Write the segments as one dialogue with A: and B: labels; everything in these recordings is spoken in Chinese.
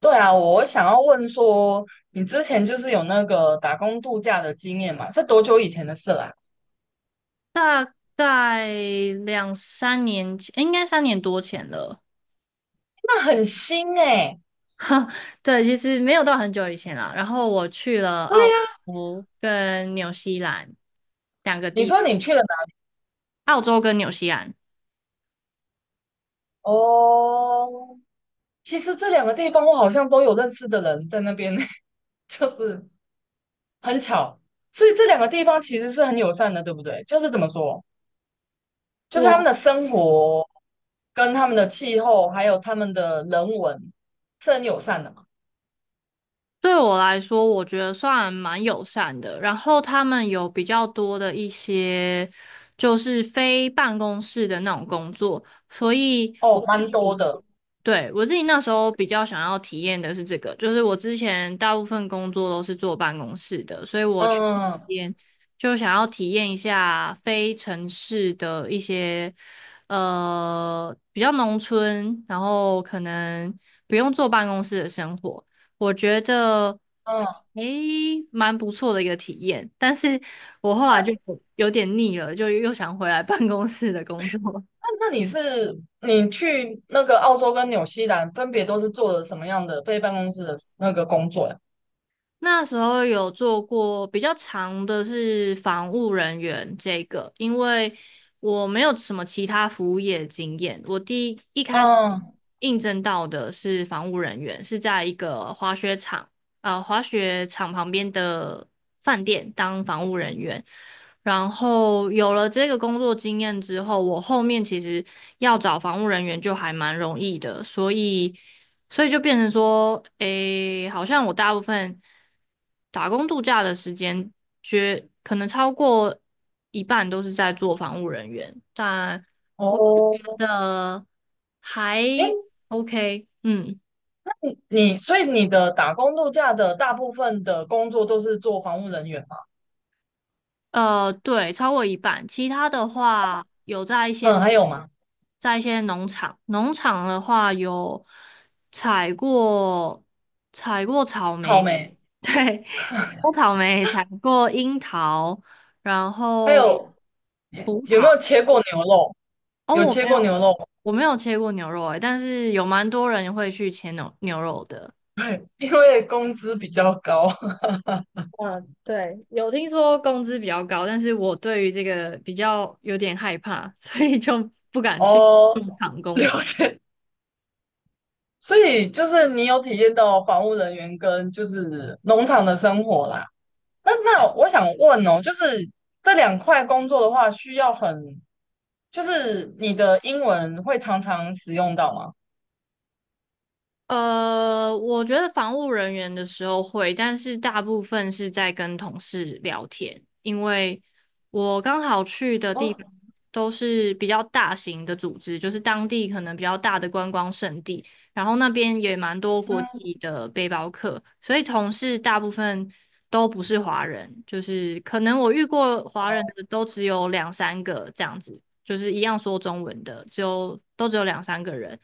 A: 对啊，我想要问说，你之前就是有那个打工度假的经验嘛？是多久以前的事啦？
B: 大概两三年前，应该三年多前了。
A: 那很新哎、
B: 哈，对，其实没有到很久以前啦。然后我去了
A: 对
B: 澳
A: 呀、
B: 洲跟纽西兰两个
A: 你
B: 地
A: 说
B: 方，
A: 你去了哪？
B: 澳洲跟纽西兰。
A: 哦，其实这两个地方我好像都有认识的人在那边，就是很巧。所以这两个地方其实是很友善的，对不对？就是怎么说，就是他们
B: 我
A: 的生活跟他们的气候，还有他们的人文是很友善的嘛。
B: 对我来说，我觉得算蛮友善的。然后他们有比较多的一些就是非办公室的那种工作，所以我
A: 哦，
B: 自
A: 蛮多
B: 己。
A: 的。
B: 对，我自己那时候比较想要体验的是这个，就是我之前大部分工作都是坐办公室的，所以我去那
A: 嗯
B: 边就想要体验一下非城市的一些比较农村，然后可能不用坐办公室的生活，我觉得
A: 嗯，
B: 诶蛮不错的一个体验，但是我后来就
A: 那
B: 有点腻了，就又想回来办公室的工作。
A: 那你去那个澳洲跟纽西兰，分别都是做了什么样的非办公室的那个工作呀？
B: 那时候有做过比较长的是防务人员这个，因为我没有什么其他服务业经验，我第一开始
A: 嗯，
B: 应征到的是防务人员，是在一个滑雪场，滑雪场旁边的饭店当防务人员。然后有了这个工作经验之后，我后面其实要找防务人员就还蛮容易的，所以。所以就变成说，诶，好像我大部分打工度假的时间，绝可能超过一半都是在做防务人员，但我觉
A: 哦，
B: 得还
A: 诶，
B: OK，嗯。
A: 所以你的打工度假的大部分的工作都是做防务人员吗？
B: 对，超过一半。其他的话，有在一些
A: 嗯，还有吗？
B: 在一些农场，农场的话有采过采过草
A: 草
B: 莓，
A: 莓，
B: 对，采草莓，采过樱桃，然
A: 还
B: 后
A: 有
B: 葡
A: 有没
B: 萄。
A: 有切过牛肉？
B: 哦，
A: 有
B: 我
A: 切
B: 没有，
A: 过牛肉吗？
B: 我没有切过牛肉诶，但是有蛮多人会去切牛肉的。
A: 因为工资比较高。
B: 嗯，对，有听说工资比较高，但是我对于这个比较有点害怕，所以就不敢去。
A: 哦，了解。所以就是你有体验到防务人员跟就是农场的生活啦。那我想问哦，就是这两块工作的话，需要很，就是你的英文会常常使用到吗？
B: 我觉得防务人员的时候会，但是大部分是在跟同事聊天，因为我刚好去的地方
A: 哦，
B: 都是比较大型的组织，就是当地可能比较大的观光胜地，然后那边也蛮多国
A: 嗯，
B: 际的背包客，所以同事大部分都不是华人，就是可能我遇过华人
A: 哦，
B: 的都只有两三个这样子，就是一样说中文的，都只有两三个人。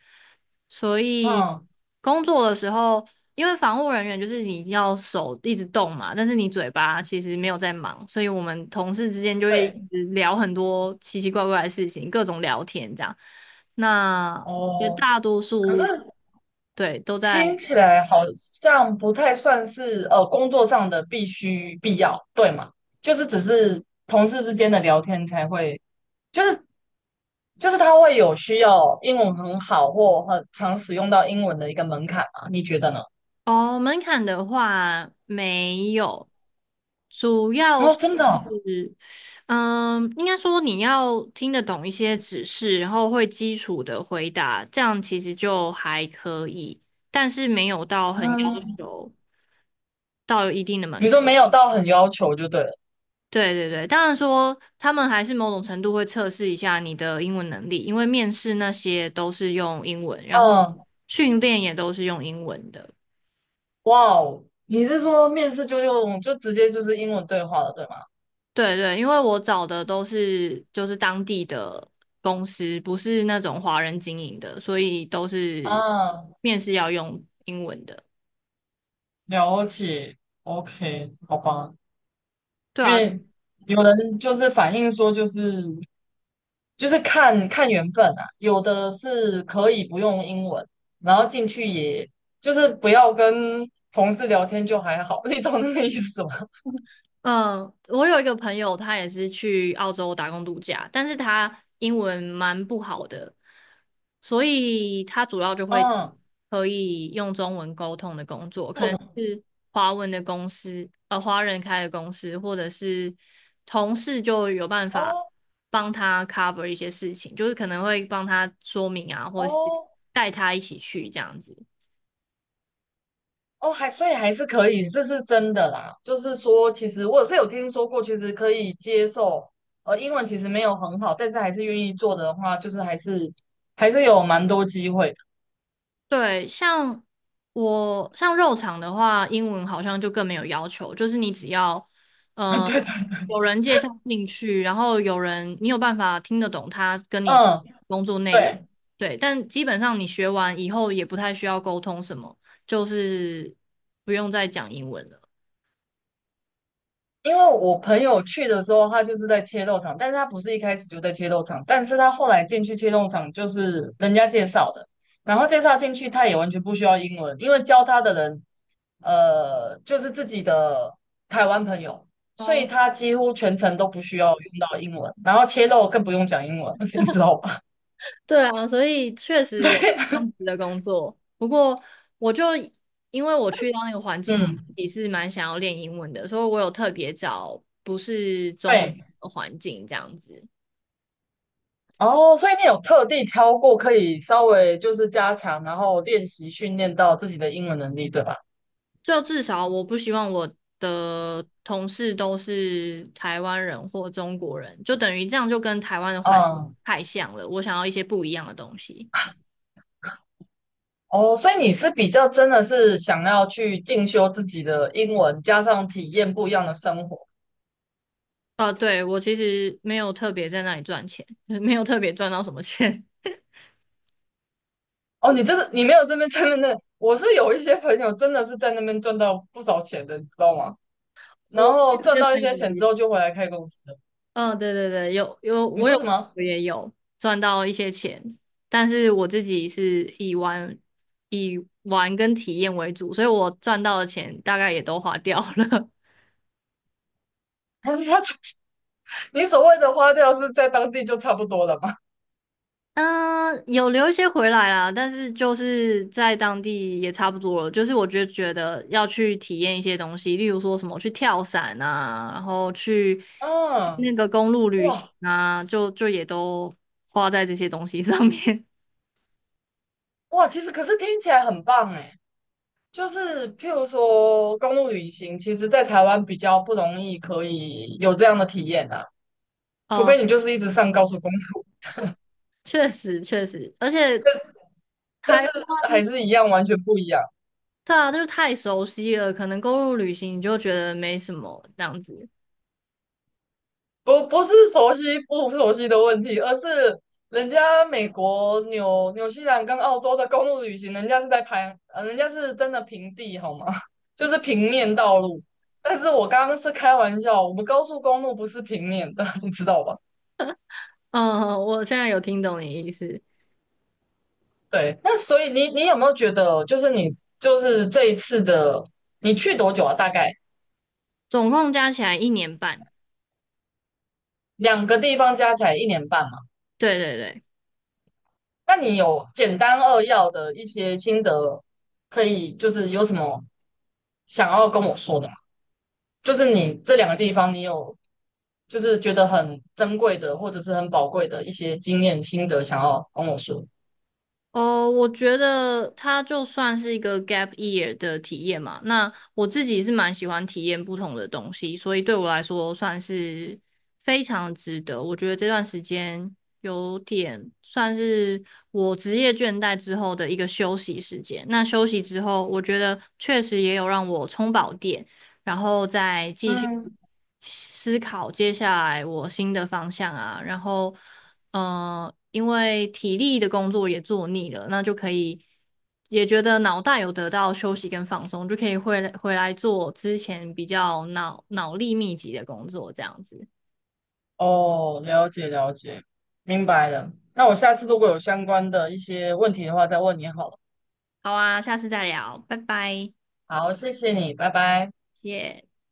B: 所以
A: 嗯，
B: 工作的时候，因为防护人员就是你要手一直动嘛，但是你嘴巴其实没有在忙，所以我们同事之间就会一
A: 对，
B: 直聊很多奇奇怪怪的事情，各种聊天这样。那绝
A: 哦，
B: 大多
A: 可是
B: 数对都在。
A: 听起来好像不太算是工作上的必须必要，对吗？就是只是同事之间的聊天才会，就是就是他会有需要英文很好或很常使用到英文的一个门槛啊，你觉得呢？
B: 哦，门槛的话没有，主要
A: 哦，
B: 是，
A: 真的哦。
B: 嗯，应该说你要听得懂一些指示，然后会基础的回答，这样其实就还可以，但是没有到很要
A: 嗯。
B: 求。
A: 你说没有到很要求就对了。
B: 对对对，当然说他们还是某种程度会测试一下你的英文能力，因为面试那些都是用英文，然后
A: 嗯，
B: 训练也都是用英文的。
A: 哇哦，你是说面试就用就直接就是英文对话了，对吗？
B: 对对，因为我找的都是就是当地的公司，不是那种华人经营的，所以都是
A: 啊，
B: 面试要用英文的。
A: 了解，OK，好吧。
B: 对
A: 因
B: 啊，
A: 为有人就是反映说，就是看看缘分啊，有的是可以不用英文，然后进去也就是不要跟同事聊天就还好，你懂那个意思吗？
B: 嗯，我有一个朋友，他也是去澳洲打工度假，但是他英文蛮不好的，所以他主要就会
A: 嗯，
B: 可以用中文沟通的工作，可
A: 做
B: 能
A: 什么？
B: 是华文的公司，华人开的公司，或者是同事就有办法
A: 哦
B: 帮他 cover 一些事情，就是可能会帮他说明啊，或者是
A: 哦
B: 带他一起去这样子。
A: 哦，所以还是可以，这是真的啦。就是说，其实我是有听说过，其实可以接受。英文其实没有很好，但是还是愿意做的话，就是还是有蛮多机会的。
B: 对，我像肉场的话，英文好像就更没有要求，就是你只要
A: 啊，
B: 呃
A: 对对对，
B: 有人介绍进去，然后有人你有办法听得懂他跟你说
A: 嗯，
B: 工作内容，
A: 对。
B: 对，但基本上你学完以后也不太需要沟通什么，就是不用再讲英文了。
A: 因为我朋友去的时候，他就是在切肉场，但是他不是一开始就在切肉场，但是他后来进去切肉场就是人家介绍的，然后介绍进去，他也完全不需要英文，因为教他的人，就是自己的台湾朋友，所以
B: 哦
A: 他几乎全程都不需要用到英文，然后切肉更不用讲英文，你知道吧？
B: 对啊，所以确 实
A: 对，
B: 有这样子的工作。不过，我就因为我去到那个环境，我
A: 嗯，
B: 自己是蛮想要练英文的，所以我有特别找不是中文
A: 对。
B: 的环境这样子。
A: 哦，所以你有特地挑过可以稍微就是加强，然后练习训练到自己的英文能力，对吧？
B: 就至少我不希望我的同事都是台湾人或中国人，就等于这样就跟台湾的环
A: 嗯，
B: 太像了。我想要一些不一样的东西。
A: 哦，所以你是比较真的是想要去进修自己的英文，加上体验不一样的生活。
B: 对，我其实没有特别在那里赚钱，就是没有特别赚到什么钱。
A: 哦，你这个你没有这边在那，我是有一些朋友真的是在那边赚到不少钱的，你知道吗？然
B: 我
A: 后
B: 这
A: 赚
B: 些
A: 到一
B: 朋
A: 些
B: 友
A: 钱之
B: 也
A: 后就回来开公司的。
B: 嗯，对对对，有有，
A: 你说什么？
B: 我也有赚到一些钱，但是我自己是以玩跟体验为主，所以我赚到的钱大概也都花掉了。
A: 他你所谓的花掉是在当地就差不多了吗？
B: 嗯，有留一些回来啦，但是就是在当地也差不多了。就是我觉得要去体验一些东西，例如说什么去跳伞啊，然后去
A: 嗯，
B: 那个公路旅行
A: 哇
B: 啊，就也都花在这些东西上面。
A: 哇，其实可是听起来很棒诶，就是譬如说公路旅行，其实在台湾比较不容易可以有这样的体验啊。除
B: 哦、
A: 非你就是一直上高速公路，
B: 确实，而且
A: 但是
B: 台，
A: 还是一样，完全不一样。
B: 对啊，就是太熟悉了，可能公路旅行你就觉得没什么这样子。
A: 不是熟悉不熟悉的问题，而是人家美国、纽西兰跟澳洲的公路旅行，人家是在拍，人家是真的平地，好吗？就是平面道路。但是我刚刚是开玩笑，我们高速公路不是平面的，你知道吧？
B: 嗯，我现在有听懂你意思，
A: 对，那所以你有没有觉得，就是你就是这一次的，你去多久啊？大概
B: 总共加起来一年半。
A: 两个地方加起来1年半嘛？
B: 对对对。
A: 那你有简单扼要的一些心得，可以就是有什么想要跟我说的吗？就是你这两个地方，你有就是觉得很珍贵的，或者是很宝贵的一些经验心得，想要跟我说。
B: 哦，我觉得它就算是一个 gap year 的体验嘛。那我自己是蛮喜欢体验不同的东西，所以对我来说算是非常值得。我觉得这段时间有点算是我职业倦怠之后的一个休息时间。那休息之后，我觉得确实也有让我充饱电。然后再继续
A: 嗯，
B: 思考接下来我新的方向啊。然后，因为体力的工作也做腻了，那就可以也觉得脑袋有得到休息跟放松，就可以回来做之前比较脑力密集的工作，这样子。
A: 哦，了解了解，明白了，那我下次如果有相关的一些问题的话，再问你好了。
B: 好啊，下次再聊，拜拜，
A: 好，谢谢你，拜拜。
B: 谢谢。